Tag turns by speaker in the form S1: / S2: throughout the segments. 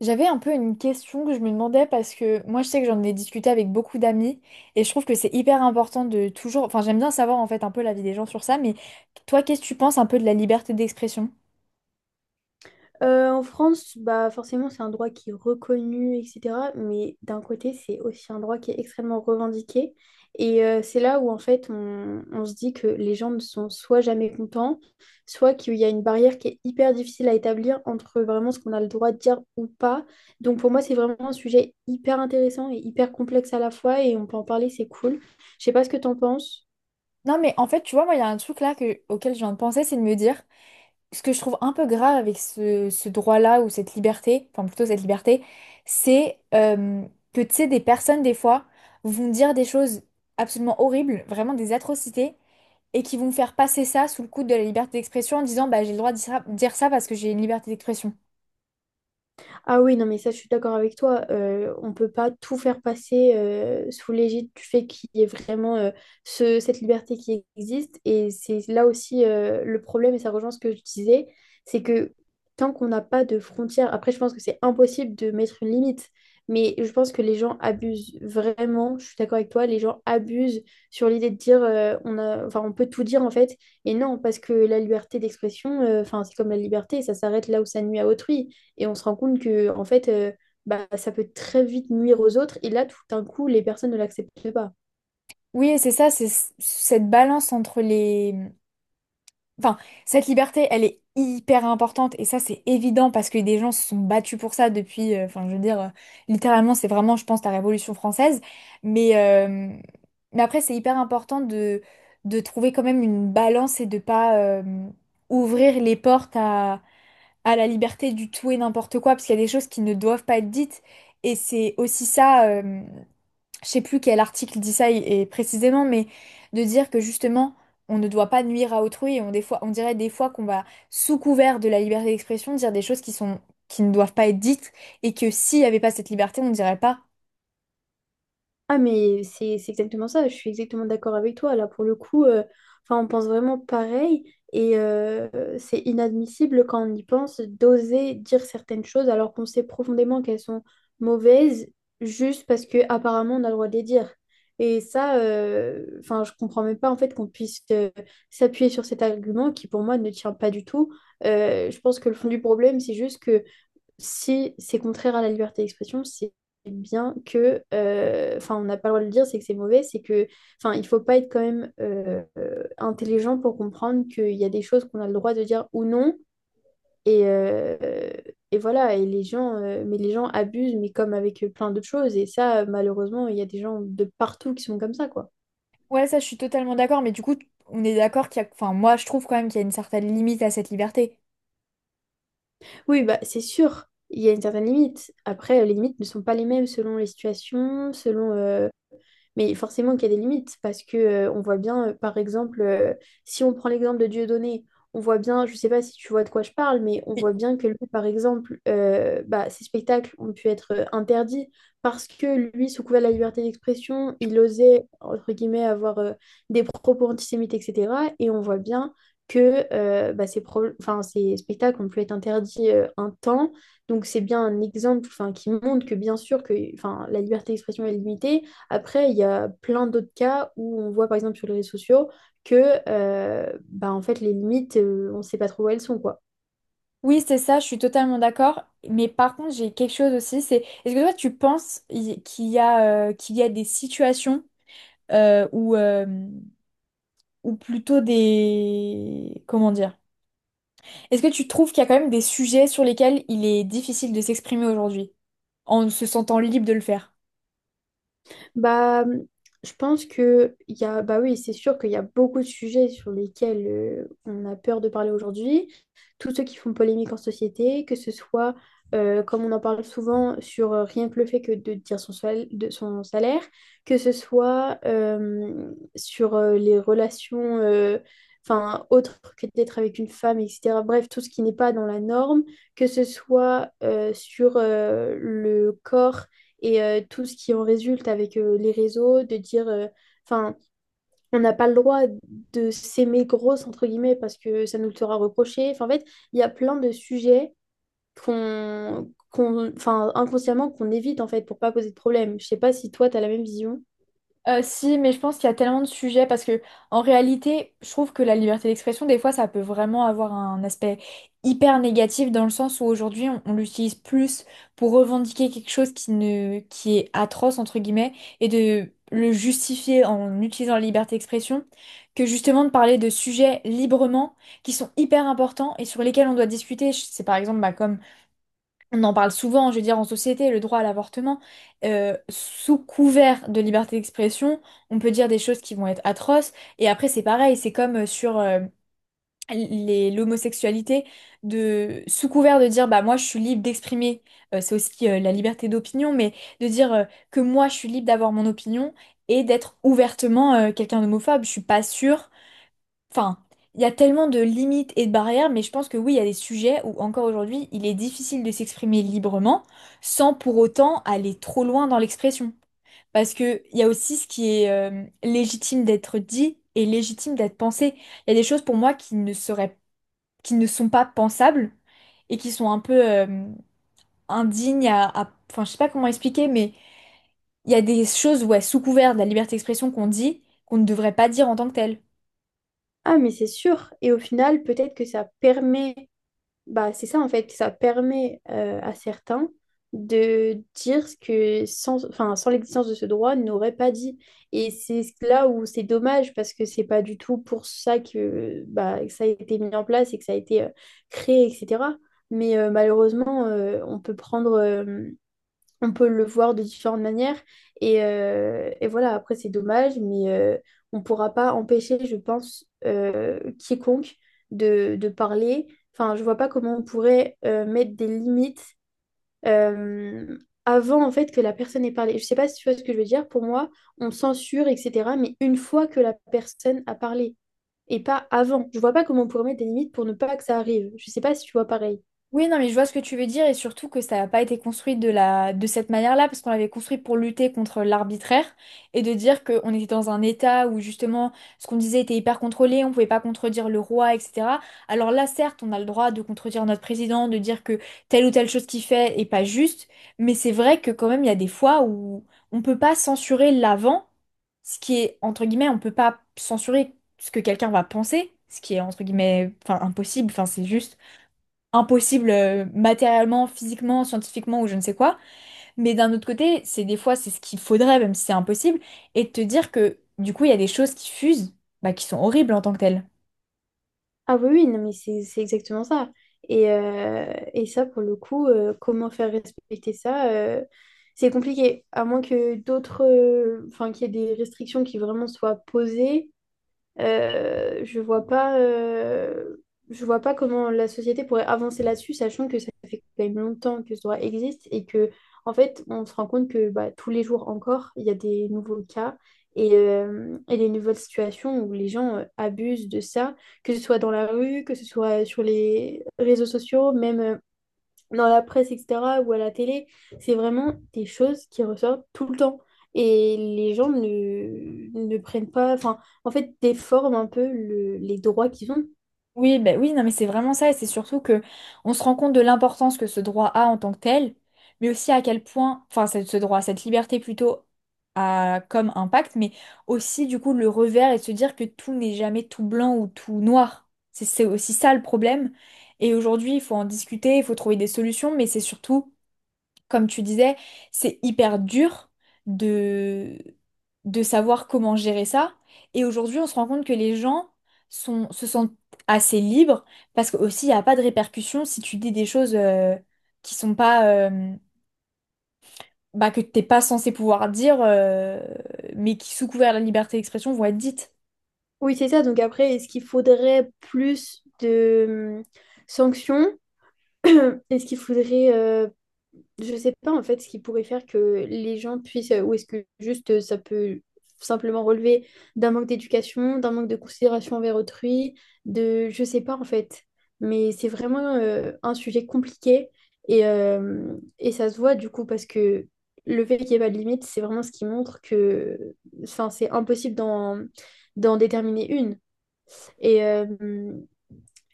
S1: J'avais un peu une question que je me demandais parce que moi je sais que j'en ai discuté avec beaucoup d'amis et je trouve que c'est hyper important de toujours, enfin j'aime bien savoir en fait un peu l'avis des gens sur ça, mais toi qu'est-ce que tu penses un peu de la liberté d'expression?
S2: En France, bah forcément, c'est un droit qui est reconnu, etc. Mais d'un côté, c'est aussi un droit qui est extrêmement revendiqué. C'est là où, en fait, on se dit que les gens ne sont soit jamais contents, soit qu'il y a une barrière qui est hyper difficile à établir entre vraiment ce qu'on a le droit de dire ou pas. Donc pour moi, c'est vraiment un sujet hyper intéressant et hyper complexe à la fois, et on peut en parler, c'est cool. Je sais pas ce que tu en penses.
S1: Non mais en fait tu vois moi il y a un truc auquel je viens de penser, c'est de me dire ce que je trouve un peu grave avec ce droit-là ou cette liberté, enfin plutôt cette liberté. C'est que tu sais des personnes des fois vont dire des choses absolument horribles, vraiment des atrocités, et qui vont faire passer ça sous le coude de la liberté d'expression en disant bah j'ai le droit de dire ça parce que j'ai une liberté d'expression.
S2: Ah oui, non, mais ça, je suis d'accord avec toi. On peut pas tout faire passer sous l'égide du fait qu'il y ait vraiment cette liberté qui existe. Et c'est là aussi le problème, et ça rejoint ce que je disais, c'est que tant qu'on n'a pas de frontières, après, je pense que c'est impossible de mettre une limite. Mais je pense que les gens abusent vraiment, je suis d'accord avec toi, les gens abusent sur l'idée de dire on a, enfin, on peut tout dire en fait. Et non, parce que la liberté d'expression, enfin, c'est comme la liberté, ça s'arrête là où ça nuit à autrui. Et on se rend compte que, en fait, bah, ça peut très vite nuire aux autres. Et là, tout d'un coup, les personnes ne l'acceptent pas.
S1: Oui, et c'est ça, cette balance entre les... Enfin, cette liberté, elle est hyper importante, et ça, c'est évident parce que des gens se sont battus pour ça depuis, enfin, je veux dire, littéralement, c'est vraiment, je pense, la Révolution française. Mais, euh, mais après, c'est hyper important de trouver quand même une balance et de pas ouvrir les portes à la liberté du tout et n'importe quoi, parce qu'il y a des choses qui ne doivent pas être dites. Et c'est aussi ça, je sais plus quel article dit ça et précisément, mais de dire que justement, on ne doit pas nuire à autrui. Et on, des fois, on dirait des fois qu'on va, sous couvert de la liberté d'expression, dire des choses qui sont, qui ne doivent pas être dites, et que s'il n'y avait pas cette liberté, on ne dirait pas.
S2: Ah mais c'est exactement ça, je suis exactement d'accord avec toi. Là pour le coup, enfin on pense vraiment pareil et euh, c'est inadmissible quand on y pense d'oser dire certaines choses alors qu'on sait profondément qu'elles sont mauvaises juste parce que apparemment on a le droit de les dire. Et ça, enfin je comprends même pas en fait qu'on puisse s'appuyer sur cet argument qui pour moi ne tient pas du tout. Je pense que le fond du problème c'est juste que si c'est contraire à la liberté d'expression, c'est bien que, on n'a pas le droit de le dire, c'est que c'est mauvais, c'est que, enfin, il faut pas être quand même intelligent pour comprendre qu'il y a des choses qu'on a le droit de dire ou non. Et, euh, et voilà, et les gens, mais les gens abusent, mais comme avec plein d'autres choses. Et ça, malheureusement, il y a des gens de partout qui sont comme ça, quoi.
S1: Ouais, ça, je suis totalement d'accord, mais du coup, on est d'accord qu'il y a, enfin, moi, je trouve quand même qu'il y a une certaine limite à cette liberté.
S2: Oui, bah c'est sûr, il y a une certaine limite. Après, les limites ne sont pas les mêmes selon les situations, selon mais forcément qu'il y a des limites, parce que on voit bien, par exemple, si on prend l'exemple de Dieudonné, on voit bien, je sais pas si tu vois de quoi je parle, mais on voit bien que lui, par exemple, bah, ses spectacles ont pu être interdits parce que lui, sous couvert de la liberté d'expression, il osait, entre guillemets, avoir des propos antisémites, etc. Et on voit bien que bah, enfin, ces spectacles ont pu être interdits un temps. Donc c'est bien un exemple enfin, qui montre que bien sûr que enfin, la liberté d'expression est limitée, après, il y a plein d'autres cas où on voit, par exemple, sur les réseaux sociaux que bah, en fait, les limites, on ne sait pas trop où elles sont, quoi.
S1: Oui, c'est ça, je suis totalement d'accord. Mais par contre, j'ai quelque chose aussi, c'est est-ce que toi, tu penses qu'il y a des situations où, ou plutôt des... Comment dire? Est-ce que tu trouves qu'il y a quand même des sujets sur lesquels il est difficile de s'exprimer aujourd'hui, en se sentant libre de le faire?
S2: Bah, mmh, je pense que il y a, bah oui, c'est sûr qu'il y a beaucoup de sujets sur lesquels on a peur de parler aujourd'hui. Tous ceux qui font polémique en société, que ce soit, comme on en parle souvent, sur rien que le fait que de dire de son salaire, que ce soit sur les relations, enfin, autres que d'être avec une femme, etc. Bref, tout ce qui n'est pas dans la norme, que ce soit sur le corps tout ce qui en résulte avec les réseaux, de dire, enfin, on n'a pas le droit de s'aimer grosse, entre guillemets, parce que ça nous le sera reproché. Enfin, en fait, il y a plein de sujets enfin, inconsciemment qu'on évite, en fait, pour pas poser de problème. Je sais pas si toi, tu as la même vision.
S1: Si, mais je pense qu'il y a tellement de sujets parce que en réalité, je trouve que la liberté d'expression, des fois, ça peut vraiment avoir un aspect hyper négatif dans le sens où aujourd'hui, on l'utilise plus pour revendiquer quelque chose qui ne, qui est atroce entre guillemets, et de le justifier en utilisant la liberté d'expression, que justement de parler de sujets librement qui sont hyper importants et sur lesquels on doit discuter. C'est par exemple bah, comme on en parle souvent, je veux dire, en société, le droit à l'avortement, sous couvert de liberté d'expression, on peut dire des choses qui vont être atroces. Et après, c'est pareil, c'est comme sur l'homosexualité, de, sous couvert de dire, bah moi, je suis libre d'exprimer, c'est aussi la liberté d'opinion, mais de dire que moi, je suis libre d'avoir mon opinion et d'être ouvertement quelqu'un d'homophobe. Je suis pas sûre. Enfin, il y a tellement de limites et de barrières, mais je pense que oui, il y a des sujets où encore aujourd'hui, il est difficile de s'exprimer librement sans pour autant aller trop loin dans l'expression. Parce que il y a aussi ce qui est légitime d'être dit et légitime d'être pensé. Il y a des choses pour moi qui ne seraient, qui ne sont pas pensables et qui sont un peu indignes Enfin, je sais pas comment expliquer, mais il y a des choses, ouais, sous couvert de la liberté d'expression qu'on dit qu'on ne devrait pas dire en tant que telle.
S2: Ah, mais c'est sûr. Et au final, peut-être que ça permet. Bah, c'est ça en fait, ça permet à certains de dire ce que sans, enfin, sans l'existence de ce droit n'aurait pas dit. Et c'est là où c'est dommage parce que c'est pas du tout pour ça que, bah, que ça a été mis en place et que ça a été créé, etc. Malheureusement, on peut prendre on peut le voir de différentes manières. Et voilà, après, c'est dommage, on ne pourra pas empêcher, je pense, quiconque de parler. Enfin, je vois pas comment on pourrait mettre des limites euh, avant, en fait, que la personne ait parlé. Je sais pas si tu vois ce que je veux dire. Pour moi, on censure, etc., mais une fois que la personne a parlé, et pas avant. Je vois pas comment on pourrait mettre des limites pour ne pas que ça arrive. Je sais pas si tu vois pareil.
S1: Oui, non, mais je vois ce que tu veux dire, et surtout que ça n'a pas été construit de la... de cette manière-là parce qu'on l'avait construit pour lutter contre l'arbitraire et de dire qu'on était dans un état où justement ce qu'on disait était hyper contrôlé, on pouvait pas contredire le roi, etc. Alors là, certes, on a le droit de contredire notre président, de dire que telle ou telle chose qu'il fait est pas juste, mais c'est vrai que quand même, il y a des fois où on peut pas censurer l'avant, ce qui est, entre guillemets, on peut pas censurer ce que quelqu'un va penser, ce qui est, entre guillemets, enfin, impossible, enfin, c'est juste impossible matériellement, physiquement, scientifiquement ou je ne sais quoi. Mais d'un autre côté, c'est des fois, c'est ce qu'il faudrait, même si c'est impossible, et de te dire que du coup, il y a des choses qui fusent, bah, qui sont horribles en tant que telles.
S2: Ah oui, oui, non, mais c'est exactement ça. Et ça, pour le coup, comment faire respecter ça, c'est compliqué. À moins que d'autres, enfin, qu'il y ait des restrictions qui vraiment soient posées, euh, je vois pas, euh, je vois pas comment la société pourrait avancer là-dessus, sachant que ça fait quand même longtemps que ce droit existe et que, en fait, on se rend compte que bah, tous les jours encore, il y a des nouveaux cas et des nouvelles situations où les gens abusent de ça, que ce soit dans la rue, que ce soit sur les réseaux sociaux, même. Dans la presse, etc., ou à la télé, c'est vraiment des choses qui ressortent tout le temps. Et les gens ne prennent pas, enfin, en fait, déforment un peu les droits qu'ils ont.
S1: Oui, ben oui, non, mais c'est vraiment ça, et c'est surtout que on se rend compte de l'importance que ce droit a en tant que tel, mais aussi à quel point, enfin, ce droit, cette liberté plutôt, a comme impact, mais aussi du coup le revers, et de se dire que tout n'est jamais tout blanc ou tout noir. C'est aussi ça le problème. Et aujourd'hui, il faut en discuter, il faut trouver des solutions, mais c'est surtout comme tu disais, c'est hyper dur de, de savoir comment gérer ça. Et aujourd'hui, on se rend compte que les gens se sentent assez libres parce que aussi il n'y a pas de répercussions si tu dis des choses qui sont pas bah, que t'es pas censé pouvoir dire, mais qui, sous couvert de la liberté d'expression, vont être dites.
S2: Oui, c'est ça. Donc après, est-ce qu'il faudrait plus de sanctions? Est-ce qu'il faudrait je sais pas en fait ce qui pourrait faire que les gens puissent, ou est-ce que juste ça peut simplement relever d'un manque d'éducation, d'un manque de considération envers autrui, de je sais pas en fait. Mais c'est vraiment un sujet compliqué et ça se voit du coup parce que le fait qu'il n'y ait pas de limite, c'est vraiment ce qui montre que enfin, c'est impossible d'en déterminer une. Et, euh,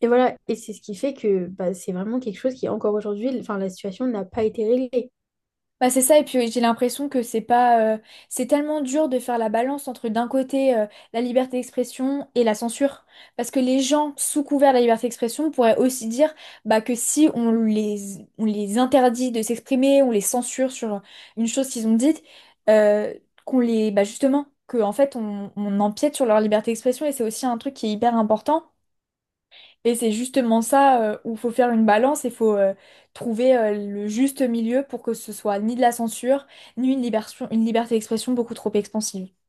S2: et voilà, et c'est ce qui fait que bah, c'est vraiment quelque chose qui encore aujourd'hui, enfin, la situation n'a pas été réglée.
S1: Bah c'est ça, et puis j'ai l'impression que c'est pas, c'est tellement dur de faire la balance entre d'un côté la liberté d'expression et la censure, parce que les gens sous couvert de la liberté d'expression pourraient aussi dire bah, que si on les interdit de s'exprimer, on les censure sur une chose qu'ils ont dite, euh, qu'on les, bah justement, que en fait on empiète sur leur liberté d'expression, et c'est aussi un truc qui est hyper important. Et c'est justement ça où il faut faire une balance et il faut trouver le juste milieu pour que ce soit ni de la censure, ni une une liberté d'expression beaucoup trop expansive.